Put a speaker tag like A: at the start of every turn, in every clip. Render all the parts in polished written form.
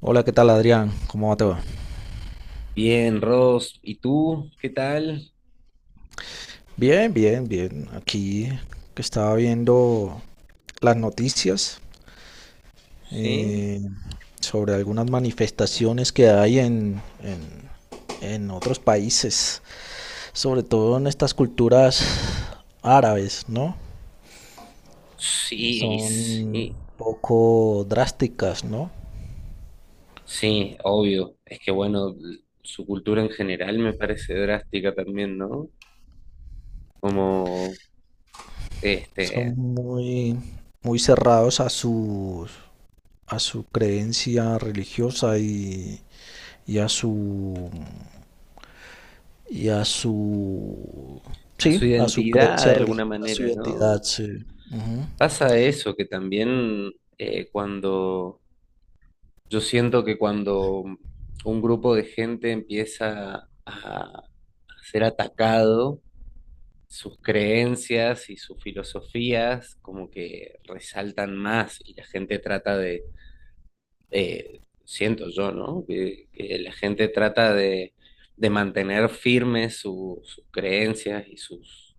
A: Hola, ¿qué tal Adrián? ¿Cómo va todo?
B: Bien, Ross, ¿y tú? ¿Qué tal?
A: Bien, bien, bien. Aquí que estaba viendo las noticias
B: Sí.
A: eh, sobre algunas manifestaciones que hay en otros países, sobre todo en estas culturas árabes, ¿no?
B: Sí,
A: Son
B: sí,
A: poco drásticas, ¿no?
B: sí, obvio. Es que bueno, su cultura en general me parece drástica también, ¿no? Como,
A: Son
B: este,
A: muy, muy cerrados a su creencia religiosa y a su y a su,
B: a su
A: sí, a su
B: identidad
A: creencia,
B: de
A: rel-
B: alguna
A: a su
B: manera, ¿no?
A: identidad, sí. Ujú.
B: Pasa eso, que también eh, cuando, yo siento que cuando un grupo de gente empieza a ser atacado, sus creencias y sus filosofías como que resaltan más y la gente trata de, siento yo, ¿no? Que la gente trata de mantener firmes sus creencias y, sus,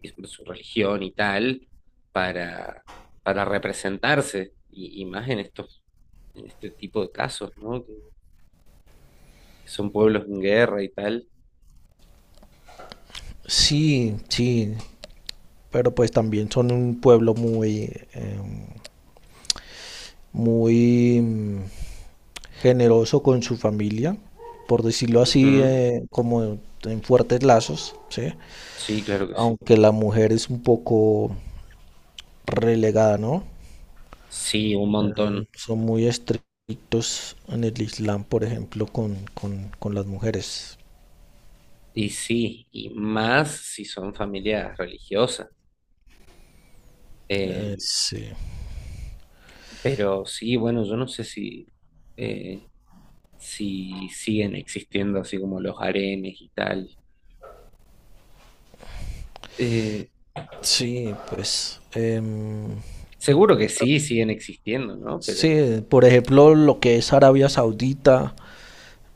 B: y su religión y tal para, para representarse y más en estos, en este tipo de casos, ¿no? Que son pueblos en guerra y tal.
A: Sí, sí, pero pues también son un pueblo muy, muy mm, generoso con su familia, por decirlo así,
B: Ujú.
A: como en fuertes lazos, ¿sí?
B: Sí, claro que sí.
A: Aunque la mujer es un poco relegada, ¿no?
B: Sí, un montón.
A: Son muy estrictos en el Islam, por ejemplo, con las mujeres.
B: Y sí, y más si son familias religiosas. Eh,
A: Sí.
B: pero sí, bueno, yo no sé si, eh, si siguen existiendo así como los harenes y tal. Eh,
A: Sí, pues,
B: seguro que sí, siguen existiendo, ¿no? Pero,
A: sí, por ejemplo, lo que es Arabia Saudita,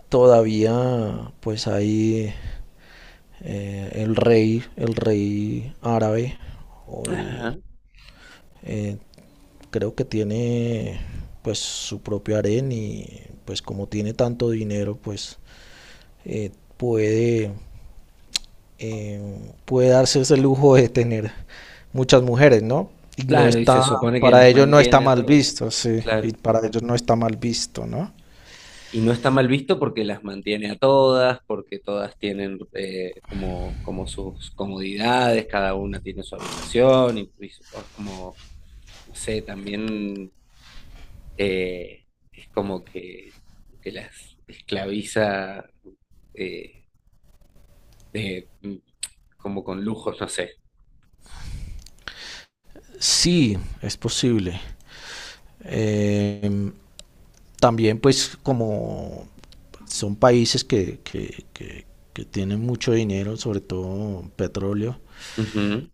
A: todavía pues ahí el rey árabe, o el,
B: ajá.
A: eh, creo que tiene pues su propio harén y pues como tiene tanto dinero, pues eh, puede puede darse ese lujo de tener muchas mujeres, ¿no? Y no
B: Claro, y se
A: está,
B: supone que
A: para
B: las
A: ellos no está
B: mantiene a
A: mal
B: todos.
A: visto, sí, y
B: Claro.
A: para ellos no está mal visto, ¿no?
B: Y no está mal visto porque las mantiene a todas, porque todas tienen como, como sus comodidades, cada una tiene su habitación y, es como no sé, también eh, es como que las esclaviza eh, de, como con lujos, no sé.
A: Sí, es posible. Eh, También pues como son países que tienen mucho dinero, sobre todo petróleo,
B: Ujú.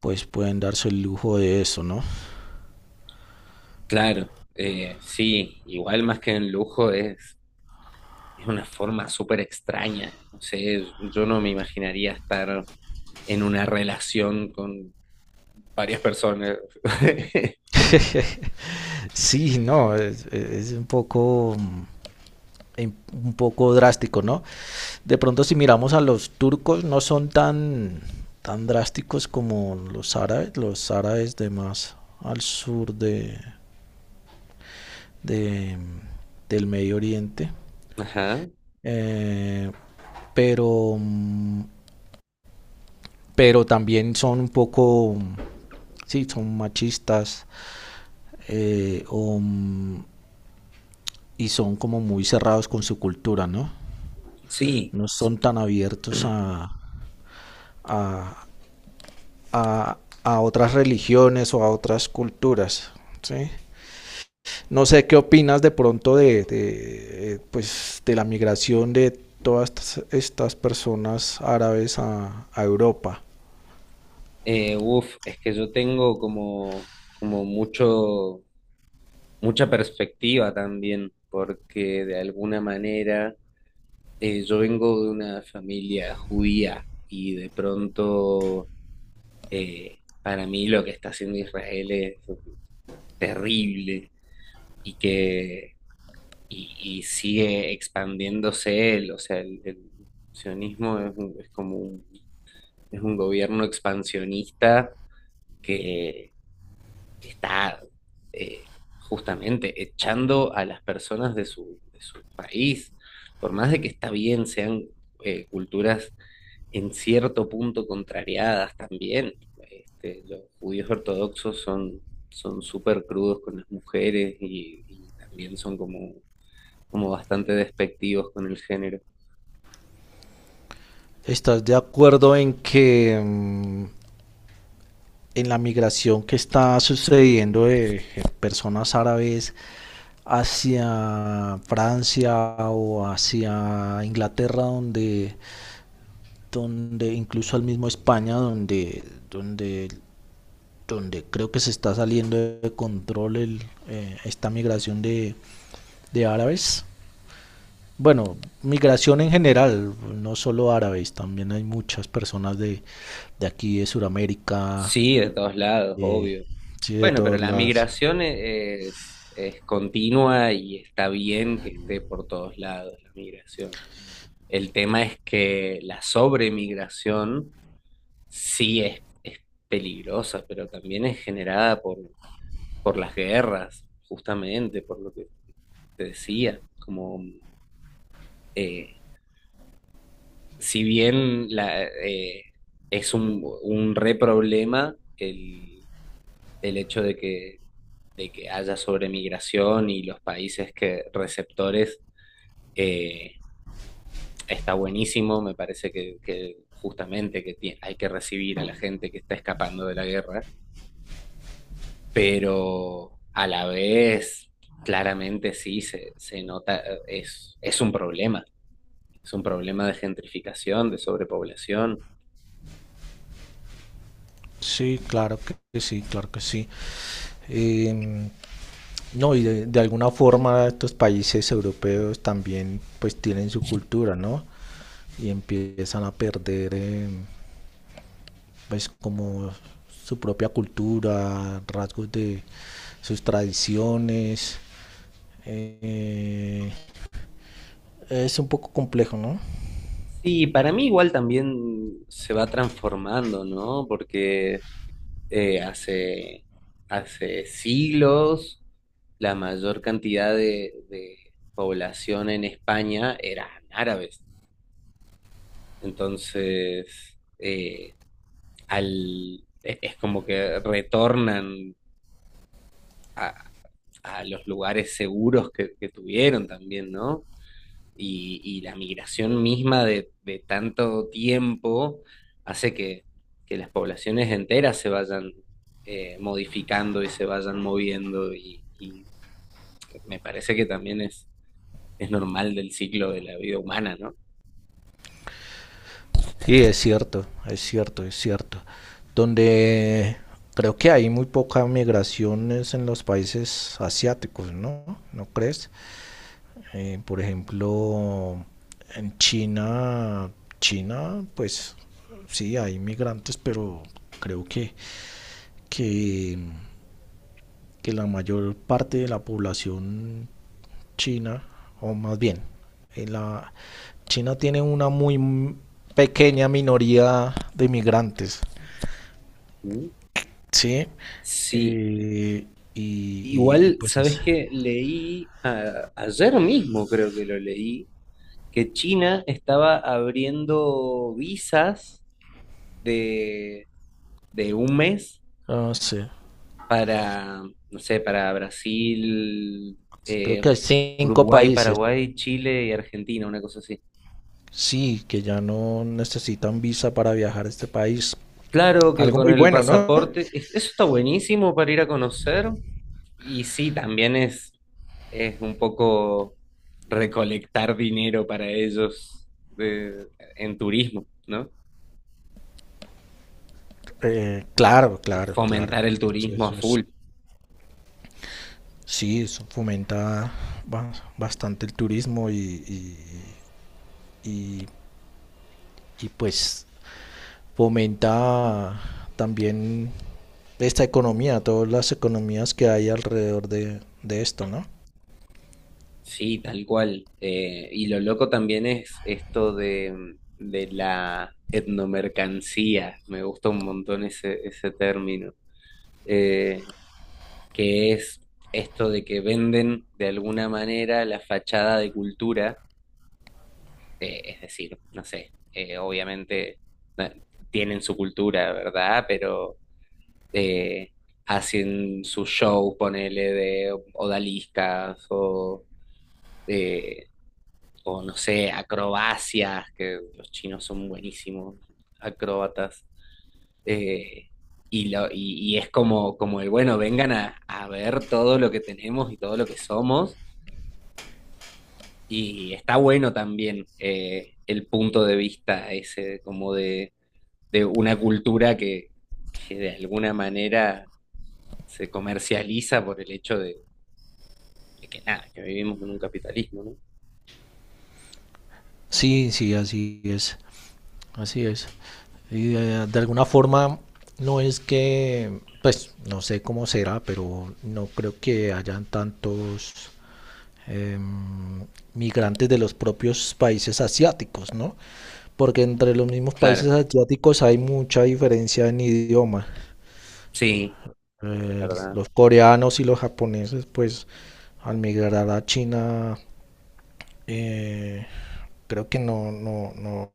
A: pues pueden darse el lujo de eso, ¿no?
B: Claro, sí, igual más que en lujo es una forma súper extraña. No sé, yo no me imaginaría estar en una relación con varias personas.
A: Sí, no, es un poco un poco drástico, ¿no? De pronto si miramos a los turcos no son tan, tan drásticos como los árabes de más al sur de del Medio Oriente,
B: Ajá.
A: eh, pero, pero también son un poco, sí, son machistas eh, o, y son como muy cerrados con su cultura, ¿no?
B: Sí,
A: No
B: s-
A: son tan abiertos a, a, a otras religiones o a otras culturas. ¿Sí? No sé qué opinas de pronto pues, de la migración de todas estas personas árabes a Europa.
B: uf, es que yo tengo como, como mucho mucha perspectiva también, porque de alguna manera yo vengo de una familia judía y de pronto para mí lo que está haciendo Israel es terrible y que y sigue expandiéndose él, o sea, el sionismo es, es como un, es un gobierno expansionista está eh, justamente echando a las personas de su país, por más de que está bien, sean culturas en cierto punto contrariadas también. Este, los judíos ortodoxos son súper crudos con las mujeres y también son como, como bastante despectivos con el género.
A: ¿Estás de acuerdo en que mmm, en la migración que está sucediendo de personas árabes hacia Francia o hacia Inglaterra, donde incluso al mismo España, donde, donde creo que se está saliendo de control esta migración de árabes? Bueno, migración en general, no solo árabes, también hay muchas personas de aquí, de Sudamérica,
B: Sí, de todos lados,
A: de,
B: obvio.
A: sí, de
B: Bueno, pero
A: todas
B: la
A: las...
B: migración es continua y está bien que esté por todos lados la migración. El tema es que la sobremigración sí es peligrosa, pero también es generada por las guerras, justamente, por lo que te decía. Como, eh, si bien la, es un re problema el hecho de que haya sobremigración y los países que receptores eh, está buenísimo, me parece que justamente que hay que recibir a la gente que está escapando de la guerra, pero a la vez claramente sí se nota, es un problema de gentrificación, de sobrepoblación.
A: Sí, claro que sí, claro que sí. Em, no, y de alguna forma estos países europeos también pues tienen su cultura, ¿no? Y empiezan a perder, pues, como su propia cultura, rasgos de sus tradiciones. Eh, es un poco complejo, ¿no?
B: Sí, para mí igual también se va transformando, ¿no? Porque hace, hace siglos la mayor cantidad de población en España eran árabes. Entonces, al, es como que retornan a los lugares seguros que tuvieron también, ¿no? Y la migración misma de tanto tiempo hace que las poblaciones enteras se vayan modificando y se vayan moviendo y me parece que también es normal del ciclo de la vida humana, ¿no?
A: Sí, es cierto, es cierto, es cierto. Donde creo que hay muy poca migraciones en los países asiáticos, ¿no? ¿No crees? Por ejemplo, en China, China, pues sí, hay migrantes, pero creo que, que la mayor parte de la población china, o más bien, en la, China tiene una muy pequeña minoría de migrantes,
B: ¿Mm?
A: ¿sí?
B: Sí,
A: Eh, y
B: igual,
A: pues,
B: ¿sabes qué? Leí ayer mismo, creo que lo leí, que China estaba abriendo visas de, de un mes
A: ah, no sé,
B: para, no sé, para Brasil,
A: creo que
B: eh,
A: hay cinco
B: Uruguay,
A: países,
B: Paraguay, Chile y Argentina, una cosa así.
A: sí, que ya no necesitan visa para viajar a este país.
B: Claro que
A: Algo
B: con
A: muy
B: el
A: bueno, ¿no?
B: pasaporte, eso está buenísimo para ir a conocer. Y sí, también es un poco recolectar dinero para ellos en turismo, ¿no?
A: Claro,
B: Es
A: claro, claro.
B: fomentar el turismo a
A: Eso es,
B: full.
A: sí, eso fomenta bastante el turismo y- y- y, pues fomenta también esta economía, todas las economías que hay alrededor de esto, ¿no?
B: Sí, tal cual. Y lo loco también es esto de la etnomercancía. Me gusta un montón ese, ese término. Eh, que es esto de que venden de alguna manera la fachada de cultura, es decir, no sé, obviamente no, tienen su cultura, ¿verdad? Pero eh, hacen su show, ponele, de odaliscas eh, o no sé, acrobacias, que los chinos son buenísimos, acróbatas. eh, y, lo, y es como, como el, bueno, vengan a ver todo lo que tenemos y todo lo que somos, y está bueno también el punto de vista ese, como de una cultura que de alguna manera se comercializa por el hecho de que nada, que vivimos en un capitalismo, ¿no?
A: Sí, sí, así es, así es. Y de alguna forma no es que, pues no sé cómo será, pero no creo que hayan tantos eh, migrantes de los propios países asiáticos, ¿no? Porque entre los mismos
B: Claro,
A: países asiáticos hay mucha diferencia en idioma.
B: sí, es verdad.
A: Los coreanos y los japoneses, pues, al migrar a China, eh, creo que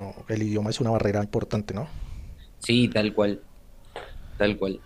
A: no, el idioma es una barrera importante, ¿no?
B: Sí, tal cual, tal cual.